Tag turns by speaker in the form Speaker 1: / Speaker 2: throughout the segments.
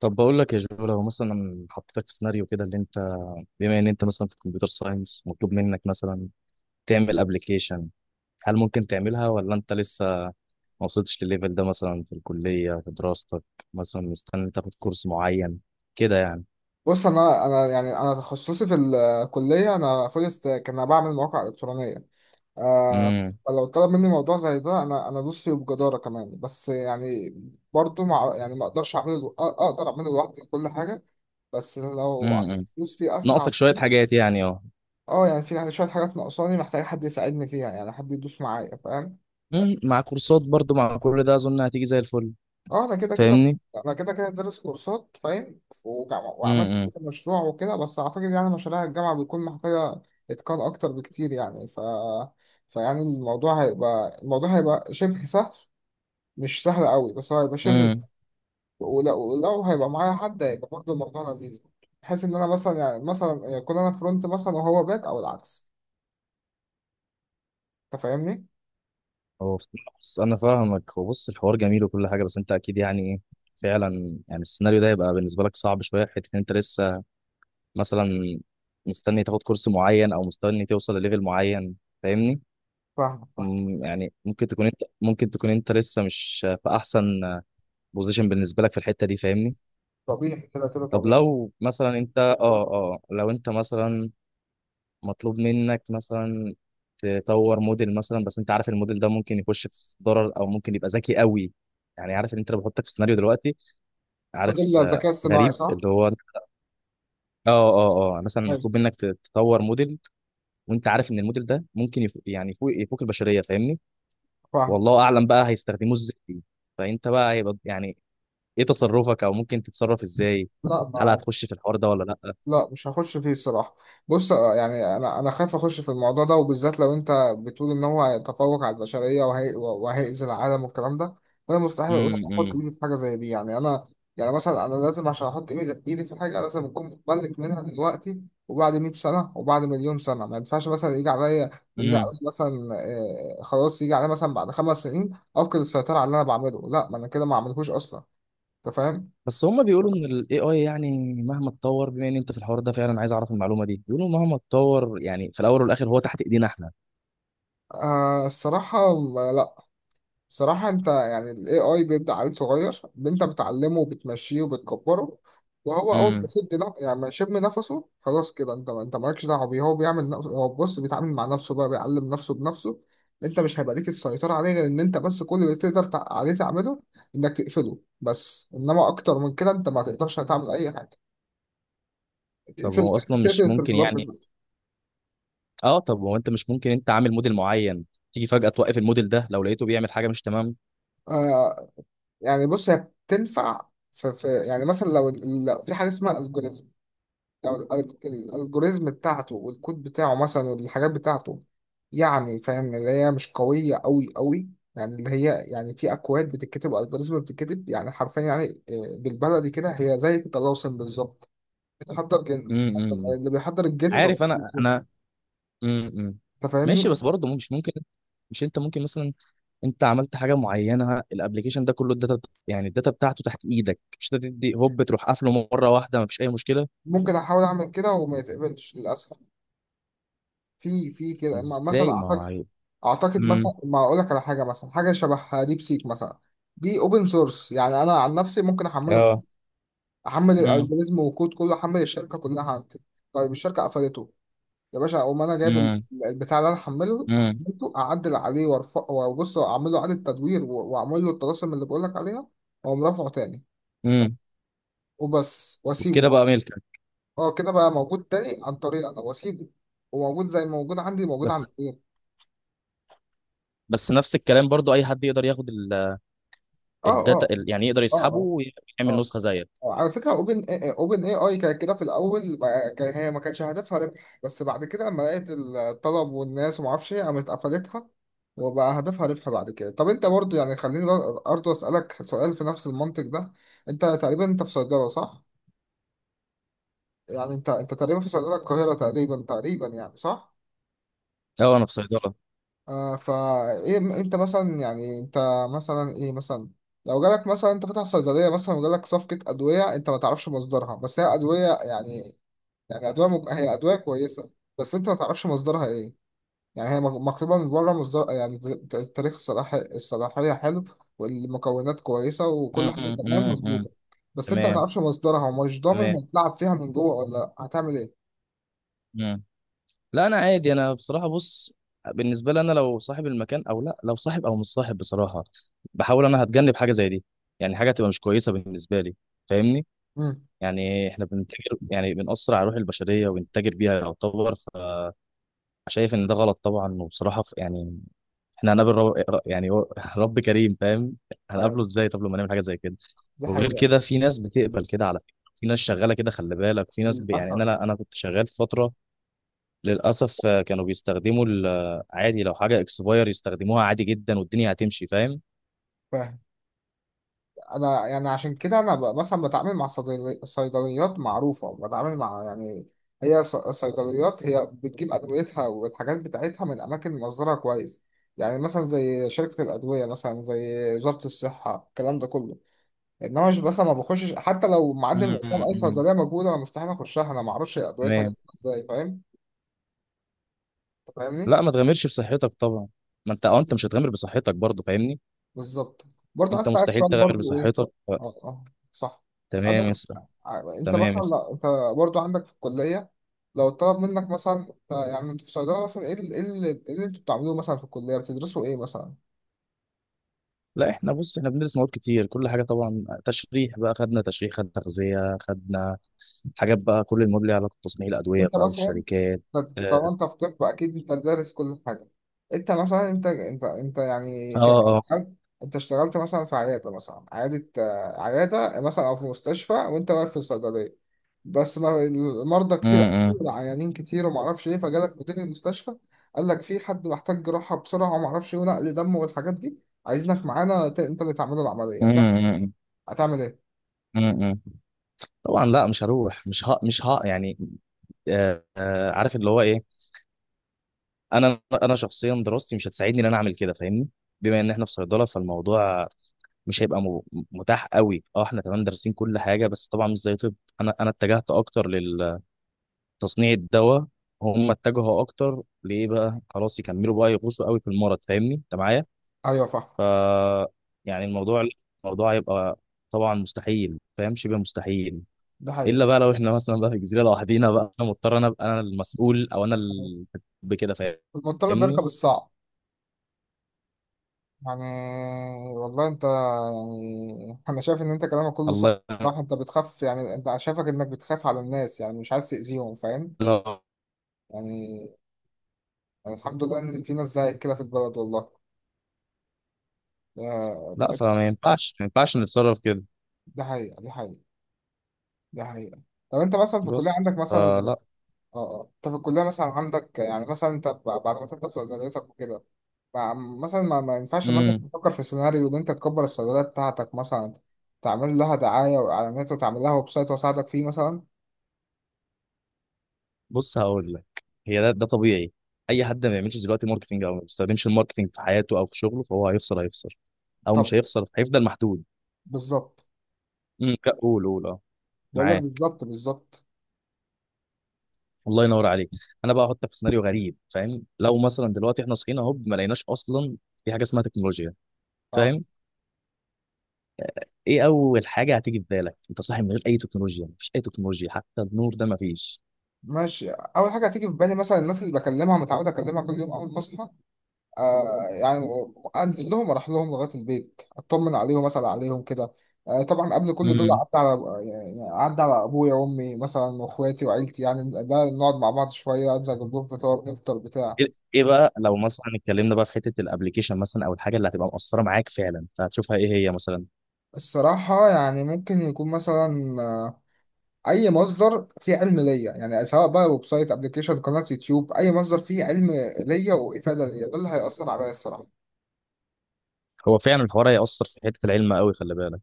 Speaker 1: طب بقول لك يا جو، لو مثلا حطيتك في سيناريو كده. اللي انت بما ان انت مثلا في الكمبيوتر ساينس، مطلوب منك مثلا تعمل ابلكيشن. هل ممكن تعملها ولا انت لسه ما وصلتش للليفل ده مثلا في الكلية في دراستك؟ مثلا مستني تاخد كورس معين كده، يعني.
Speaker 2: بص، انا يعني انا تخصصي في الكليه. انا فول ستاك، انا بعمل مواقع الكترونيه. آه
Speaker 1: امم.
Speaker 2: فلو طلب مني موضوع زي ده انا ادوس فيه بجداره كمان، بس يعني برضو مع يعني ما اقدرش اعمله اقدر اعمله لوحدي كل حاجه، بس لو
Speaker 1: امم.
Speaker 2: ادوس فيه اسرع.
Speaker 1: ناقصك شوية حاجات، يعني. اه.
Speaker 2: اه يعني في يعني شويه حاجات ناقصاني، محتاج حد يساعدني فيها، يعني حد يدوس معايا، فاهم.
Speaker 1: مم، مع كورسات برضو، مع كل ده اظن هتيجي زي الفل.
Speaker 2: اه.
Speaker 1: فاهمني؟
Speaker 2: انا كده كده دارس كورسات فاهم وعملت كذا مشروع وكده، بس اعتقد يعني مشاريع الجامعه بيكون محتاجه اتقان اكتر بكتير. يعني ف فيعني الموضوع هيبقى شبه سهل، مش سهل قوي، بس هو هيبقى شبه.
Speaker 1: امم.
Speaker 2: ولو هيبقى معايا حد هيبقى برضه الموضوع لذيذ، بحيث ان انا مثلا يعني مثلا يكون انا فرونت مثلا وهو باك او العكس. انت فاهمني؟
Speaker 1: هو بصراحة، بص، أنا فاهمك. هو بص، الحوار جميل وكل حاجة، بس أنت أكيد يعني إيه؟ فعلا يعني السيناريو ده يبقى بالنسبة لك صعب شوية، حتة إن أنت لسه مثلا مستني تاخد كورس معين أو مستني توصل لليفل معين. فاهمني؟
Speaker 2: فاهم فاهم.
Speaker 1: مم، يعني ممكن تكون أنت لسه مش في أحسن بوزيشن بالنسبة لك في الحتة دي. فاهمني؟
Speaker 2: طبيعي كده كده
Speaker 1: طب
Speaker 2: طبيعي.
Speaker 1: لو مثلا أنت أه أه لو أنت مثلا مطلوب منك مثلا تطور موديل مثلا، بس انت عارف الموديل ده ممكن يخش في ضرر او ممكن يبقى ذكي قوي. يعني عارف ان انت لو بحطك في سيناريو دلوقتي. عارف،
Speaker 2: الموديل
Speaker 1: آه.
Speaker 2: الذكاء اصطناعي
Speaker 1: غريب
Speaker 2: صح؟
Speaker 1: اللي هو مثلا
Speaker 2: أيوة.
Speaker 1: مطلوب منك تطور موديل. وانت عارف ان الموديل ده ممكن يعني يفوق البشريه. فاهمني؟
Speaker 2: فاهم.
Speaker 1: والله اعلم بقى هيستخدموه ازاي. فانت بقى يعني، ايه تصرفك او ممكن تتصرف ازاي؟
Speaker 2: لا
Speaker 1: هل
Speaker 2: ما،
Speaker 1: هتخش في الحوار ده ولا لا؟
Speaker 2: لا مش هخش فيه الصراحة. بص، يعني أنا خايف أخش في الموضوع ده، وبالذات لو أنت بتقول إن هو هيتفوق على البشرية وهيأذي العالم والكلام ده. فأنا مستحيل أحط إيدي في حاجة زي دي. يعني أنا يعني مثلا أنا لازم عشان أحط إيدي في حاجة لازم أكون متملك منها دلوقتي. وبعد 100 سنة وبعد مليون سنة ما ينفعش مثلا يجي عليا، يجي
Speaker 1: امم.
Speaker 2: عليا مثلا، خلاص يجي عليا مثلا بعد خمس سنين أفقد السيطرة على اللي أنا بعمله. لا ما أنا كده ما عملهوش أصلا. أنت فاهم؟
Speaker 1: بس هما بيقولوا ان الاي اي، يعني مهما اتطور. بما ان انت في الحوار ده فعلا عايز اعرف المعلومه دي، بيقولوا مهما اتطور يعني في الاول والاخر هو تحت ايدينا احنا.
Speaker 2: آه الصراحة لا. صراحة انت يعني ال AI بيبدأ عيل صغير، انت بتعلمه وبتمشيه وبتكبره. وهو اول ما
Speaker 1: امم.
Speaker 2: يعني ما يشم نفسه، خلاص كده انت مالكش دعوة بيه. هو بيعمل نفسه، هو بص بيتعامل مع نفسه بقى، بيعلم نفسه بنفسه. انت مش هيبقى ليك السيطرة عليه، غير ان انت بس كل اللي تقدر عليه تعمله انك تقفله بس. انما اكتر من كده انت ما تقدرش تعمل اي حاجة.
Speaker 1: طب
Speaker 2: تقفل
Speaker 1: هو اصلا
Speaker 2: تقفل
Speaker 1: مش ممكن،
Speaker 2: السيرفرات
Speaker 1: يعني.
Speaker 2: بتاعته.
Speaker 1: اه، طب هو انت مش ممكن انت عامل موديل معين تيجي فجاه توقف الموديل ده لو لقيته بيعمل حاجه مش تمام؟
Speaker 2: آه. يعني بص هي بتنفع في يعني مثلا لو، لو في حاجة اسمها algorithm، الالجوريزم بتاعته والكود بتاعه مثلا والحاجات بتاعته، يعني فاهم اللي هي مش قوية قوي. يعني اللي هي يعني في أكواد بتتكتب والجوريزم بتتكتب، يعني حرفيا يعني، بالبلدي كده هي زي الطلاسم بالظبط، بتحضر جن.
Speaker 1: امم.
Speaker 2: اللي بيحضر الجن ما
Speaker 1: عارف، انا
Speaker 2: بيكتبش.
Speaker 1: انا امم.
Speaker 2: أنت
Speaker 1: ماشي،
Speaker 2: فاهمني؟
Speaker 1: بس برضه مش ممكن؟ مش انت ممكن مثلا انت عملت حاجه معينه، الابليكيشن ده كله الداتا. يعني الداتا بتاعته تحت ايدك. مش انت تدي هوب تروح قافله مره واحده، مفيش اي مشكله؟
Speaker 2: ممكن أحاول أعمل كده وما يتقبلش للأسف. في في كده ما- مثلا
Speaker 1: ازاي؟ ما
Speaker 2: أعتقد،
Speaker 1: هو.
Speaker 2: أعتقد مثلا
Speaker 1: امم.
Speaker 2: ما أقول لك على حاجة، مثلا حاجة شبه ديب سيك مثلا. دي اوبن سورس، يعني انا عن نفسي ممكن احمله،
Speaker 1: اه.
Speaker 2: حمل
Speaker 1: امم.
Speaker 2: الالجوريزم وكود كله، حمل الشركه كلها عندي. طيب الشركه قفلته، يا باشا اقوم انا جايب
Speaker 1: امم.
Speaker 2: البتاع اللي انا
Speaker 1: امم.
Speaker 2: حملته، اعدل عليه وارفع وابص واعمل له اعاده تدوير واعمل له الطلاسم اللي بقول لك عليها، واقوم رافعه تاني
Speaker 1: امم.
Speaker 2: وبس واسيبه
Speaker 1: وبكده
Speaker 2: بقى.
Speaker 1: بقى ملكك.
Speaker 2: اه كده بقى موجود تاني عن طريق انا، واسيبه، وموجود زي ما موجود عندي موجود
Speaker 1: بس
Speaker 2: عند غيري.
Speaker 1: بس نفس الكلام برضو، اي حد يقدر ياخد
Speaker 2: اه اه.
Speaker 1: الداتا يعني يقدر
Speaker 2: اه
Speaker 1: يسحبه
Speaker 2: اه.
Speaker 1: ويعمل
Speaker 2: اه.
Speaker 1: نسخه زيك.
Speaker 2: على فكرة اوبن، اوبن اي اي كانت كده في الاول كان هي ما كانش هدفها ربح، بس بعد كده لما لقيت الطلب والناس وما اعرفش ايه قامت قفلتها، وبقى هدفها ربح بعد كده. طب انت برضو يعني خليني برضو اسالك سؤال في نفس المنطق ده. انت تقريبا انت في صيدلة صح؟ يعني انت انت تقريبا في صيدلة القاهرة تقريبا، تقريبا يعني صح.
Speaker 1: اه، انا في صيدله.
Speaker 2: آه، فايه انت مثلا يعني انت مثلا ايه مثلا، لو جالك مثلا، انت فاتح صيدليه مثلا وجالك صفقه ادويه انت ما تعرفش مصدرها، بس هي ادويه يعني، يعني أدوية هي أدوية كويسة، بس أنت ما تعرفش مصدرها إيه. يعني هي مكتوبة من بره مصدر، يعني تاريخ الصلاحية حلو، والمكونات كويسة وكل حاجة
Speaker 1: امم.
Speaker 2: تمام
Speaker 1: امم. امم.
Speaker 2: مظبوطة، بس أنت ما
Speaker 1: تمام.
Speaker 2: تعرفش مصدرها، ومش ضامن
Speaker 1: تمام.
Speaker 2: هتلعب فيها من جوه ولا لأ. هتعمل إيه؟
Speaker 1: امم. لا، انا عادي. انا بصراحه، بص. بالنسبه لي، انا لو صاحب المكان او لا، لو صاحب او مش صاحب بصراحه، بحاول انا هتجنب حاجه زي دي. يعني حاجه تبقى مش كويسه بالنسبه لي. فاهمني؟
Speaker 2: امم.
Speaker 1: يعني احنا بنتاجر، يعني بنأثر على روح البشريه ونتاجر بيها يعتبر. شايف ان ده غلط طبعا، وبصراحه، يعني احنا هنقابل رب. يعني رب كريم. فاهم؟
Speaker 2: أيوة.
Speaker 1: هنقابله ازاي طب لما نعمل حاجه زي كده؟
Speaker 2: دي
Speaker 1: وغير
Speaker 2: حقيقة.
Speaker 1: كده في ناس بتقبل كده على فكره. في ناس شغاله كده، خلي بالك. في ناس يعني
Speaker 2: للأسف.
Speaker 1: انا، لا انا كنت شغال في فتره. للاسف، آه. كانوا بيستخدموا عادي، لو حاجه اكسباير يستخدموها عادي جدا والدنيا هتمشي. فاهم؟
Speaker 2: فاهم. انا يعني عشان كده انا مثلا بتعامل مع صيدليات معروفه، بتعامل مع يعني هي صيدليات هي بتجيب ادويتها والحاجات بتاعتها من اماكن مصدرها كويس. يعني مثلا زي شركه الادويه، مثلا زي وزاره الصحه، الكلام ده كله. انما مش بس ما بخشش حتى لو معدي من قدام اي
Speaker 1: امم.
Speaker 2: صيدليه موجوده، انا مستحيل اخشها، انا ما اعرفش ادويتها
Speaker 1: تمام.
Speaker 2: جايبة ازاي، فاهم. انت فاهمني.
Speaker 1: لا، ما تغامرش بصحتك طبعا. ما انت مش هتغامر بصحتك برضه. فاهمني؟
Speaker 2: بالظبط. برضه عايز
Speaker 1: انت
Speaker 2: اسالك
Speaker 1: مستحيل
Speaker 2: سؤال
Speaker 1: تغامر
Speaker 2: برضه ايه.
Speaker 1: بصحتك.
Speaker 2: اه اه، صح.
Speaker 1: تمام يا
Speaker 2: انا،
Speaker 1: اسطى.
Speaker 2: انت
Speaker 1: تمام يا
Speaker 2: مثلا
Speaker 1: اسطى.
Speaker 2: لو انت برضه عندك في الكليه، لو طلب منك مثلا يعني انت في الصيدله مثلا، ايه ايه إيه اللي انتوا بتعملوه مثلا في الكليه، بتدرسوا ايه مثلا.
Speaker 1: لا، احنا بص، احنا بندرس مواد كتير، كل حاجه طبعا. تشريح بقى خدنا، تشريح خدنا، تغذيه خدنا حاجات بقى. كل المواد ليها علاقه بتصنيع الادويه
Speaker 2: وانت
Speaker 1: بقى،
Speaker 2: مثلا،
Speaker 1: والشركات.
Speaker 2: طب طب
Speaker 1: اه.
Speaker 2: انت في طب اكيد انت دارس كل حاجه. انت مثلا انت يعني
Speaker 1: اه.
Speaker 2: هل انت اشتغلت مثلا في عياده مثلا، عياده عياده مثلا، او في مستشفى وانت واقف في الصيدليه، بس ما المرضى كتير،
Speaker 1: امم.
Speaker 2: العيانين كتير، وما اعرفش ايه، فجالك مدير المستشفى قال لك في حد محتاج جراحه بسرعه وما اعرفش ايه، ونقل دم والحاجات دي، عايزينك معانا انت اللي تعمله العمليه،
Speaker 1: امم.
Speaker 2: هتعمل ايه.
Speaker 1: امم. طبعا لا، مش هروح. مش ها مش ها يعني. عارف اللي هو ايه. انا شخصيا دراستي مش هتساعدني ان انا اعمل كده. فاهمني؟ بما ان احنا في صيدله، فالموضوع مش هيبقى متاح قوي. اه، احنا تمام دارسين كل حاجه، بس طبعا مش زي طب. انا اتجهت اكتر لل تصنيع الدواء. هم اتجهوا اكتر ليه بقى، خلاص يكملوا بقى يغوصوا قوي في المرض. فاهمني انت معايا؟
Speaker 2: ايوه
Speaker 1: ف،
Speaker 2: فاهمك.
Speaker 1: يعني الموضوع هيبقى طبعا مستحيل، فاهم؟ شبه مستحيل.
Speaker 2: ده حقيقي.
Speaker 1: الا بقى لو احنا مثلا بقى في جزيره لوحدينا بقى، انا مضطر، انا ابقى انا المسؤول، او انا بكده.
Speaker 2: المضطرب
Speaker 1: فاهمني؟
Speaker 2: بيركب الصعب يعني. والله انت يعني انا شايف ان انت كلامك كله صح.
Speaker 1: الله
Speaker 2: راح انت بتخاف، يعني انت شايفك انك بتخاف على الناس، يعني مش عايز تأذيهم، فاهم.
Speaker 1: ينور.
Speaker 2: يعني، يعني الحمد لله ان في ناس زيك كده في البلد، والله.
Speaker 1: لا،
Speaker 2: ده،
Speaker 1: فما ينفعش ما ينفعش نتصرف كده.
Speaker 2: ده حقيقة. دي حقيقة. دي حقيقة. طب انت مثلا في الكلية
Speaker 1: بص،
Speaker 2: عندك مثلا،
Speaker 1: فلا.
Speaker 2: اه اه، انت في الكلية مثلا عندك يعني مثلا انت بعد ما تفتح صيدليتك وكده، مثلا ما ينفعش مثلا تفكر في سيناريو ان انت تكبر الصيدلية بتاعتك مثلا، تعمل لها دعاية وإعلانات وتعمل لها ويب سايت وأساعدك فيه مثلا.
Speaker 1: بص، هقول لك هي ده طبيعي. اي حد ما بيعملش دلوقتي ماركتنج، او ما بيستخدمش الماركتنج في حياته او في شغله، فهو هيخسر. هيخسر، او
Speaker 2: طب،
Speaker 1: مش هيخسر، هيفضل محدود.
Speaker 2: بالظبط.
Speaker 1: امم. قول، قول، اه.
Speaker 2: بقول لك
Speaker 1: معاه.
Speaker 2: بالظبط بالظبط.
Speaker 1: الله ينور عليك. انا بقى احطك في سيناريو غريب، فاهم؟ لو مثلا دلوقتي احنا صحينا اهو، ما لقيناش اصلا في حاجه اسمها تكنولوجيا.
Speaker 2: اه
Speaker 1: فاهم؟ ايه اول حاجه هتيجي في بالك، انت صاحي من غير اي تكنولوجيا؟ مفيش اي تكنولوجيا، حتى النور ده مفيش.
Speaker 2: ماشي. اول حاجه هتيجي في بالي مثلا الناس اللي بكلمها، متعود اكلمها كل يوم اول ما اصحى، يعني، انزل لهم اروح لهم لغايه البيت، اطمن عليهم مثلا، عليهم كده. آه طبعا قبل كل دول
Speaker 1: امم.
Speaker 2: عدى على، يعني عدى على ابويا وامي مثلا واخواتي وعيلتي، يعني ده نقعد مع بعض شويه، انزل اجيب لهم فطار نفطر بتاع.
Speaker 1: ايه إيه بقى، لو مثلا اتكلمنا بقى في حته الابليكيشن مثلا، او الحاجه اللي هتبقى مؤثره معاك فعلا، فهتشوفها ايه هي مثلا؟
Speaker 2: الصراحه يعني ممكن يكون مثلا، اي مصدر فيه علم ليا، يعني سواء بقى ويب سايت، ابلكيشن، قناه يوتيوب، اي مصدر فيه علم ليا وافاده ليا ده اللي هيأثر عليا الصراحه.
Speaker 1: هو فعلا الحوار هيأثر في حتة العلم قوي، خلي بالك.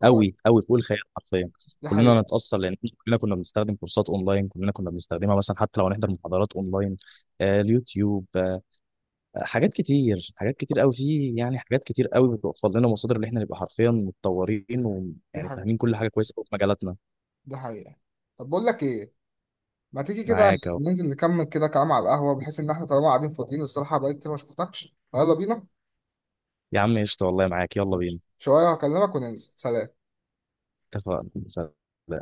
Speaker 2: اه.
Speaker 1: قوي قوي، فوق الخيال حرفيا.
Speaker 2: دي
Speaker 1: كلنا
Speaker 2: حقيقه.
Speaker 1: هنتأثر، لأن كلنا كنا بنستخدم كورسات أونلاين. كلنا كنا بنستخدمها مثلا، حتى لو هنحضر محاضرات أونلاين. آه، اليوتيوب، آه. حاجات كتير، حاجات كتير قوي في، يعني، حاجات كتير قوي بتوفر لنا مصادر اللي احنا نبقى حرفيا متطورين،
Speaker 2: دي
Speaker 1: ويعني
Speaker 2: حقيقه.
Speaker 1: فاهمين كل حاجة كويسة قوي في مجالاتنا.
Speaker 2: دي حقيقه. طب بقول لك ايه، ما تيجي كده
Speaker 1: معاك أهو.
Speaker 2: ننزل نكمل كده كلام على القهوه، بحيث ان احنا طالما قاعدين فاضيين، الصراحه بقالي كتير ما شفتكش، يلا بينا.
Speaker 1: يا عم قشطة والله، معاك، يلا
Speaker 2: ماشي،
Speaker 1: بينا.
Speaker 2: شويه هكلمك وننزل، سلام.
Speaker 1: اتفقنا، سلام.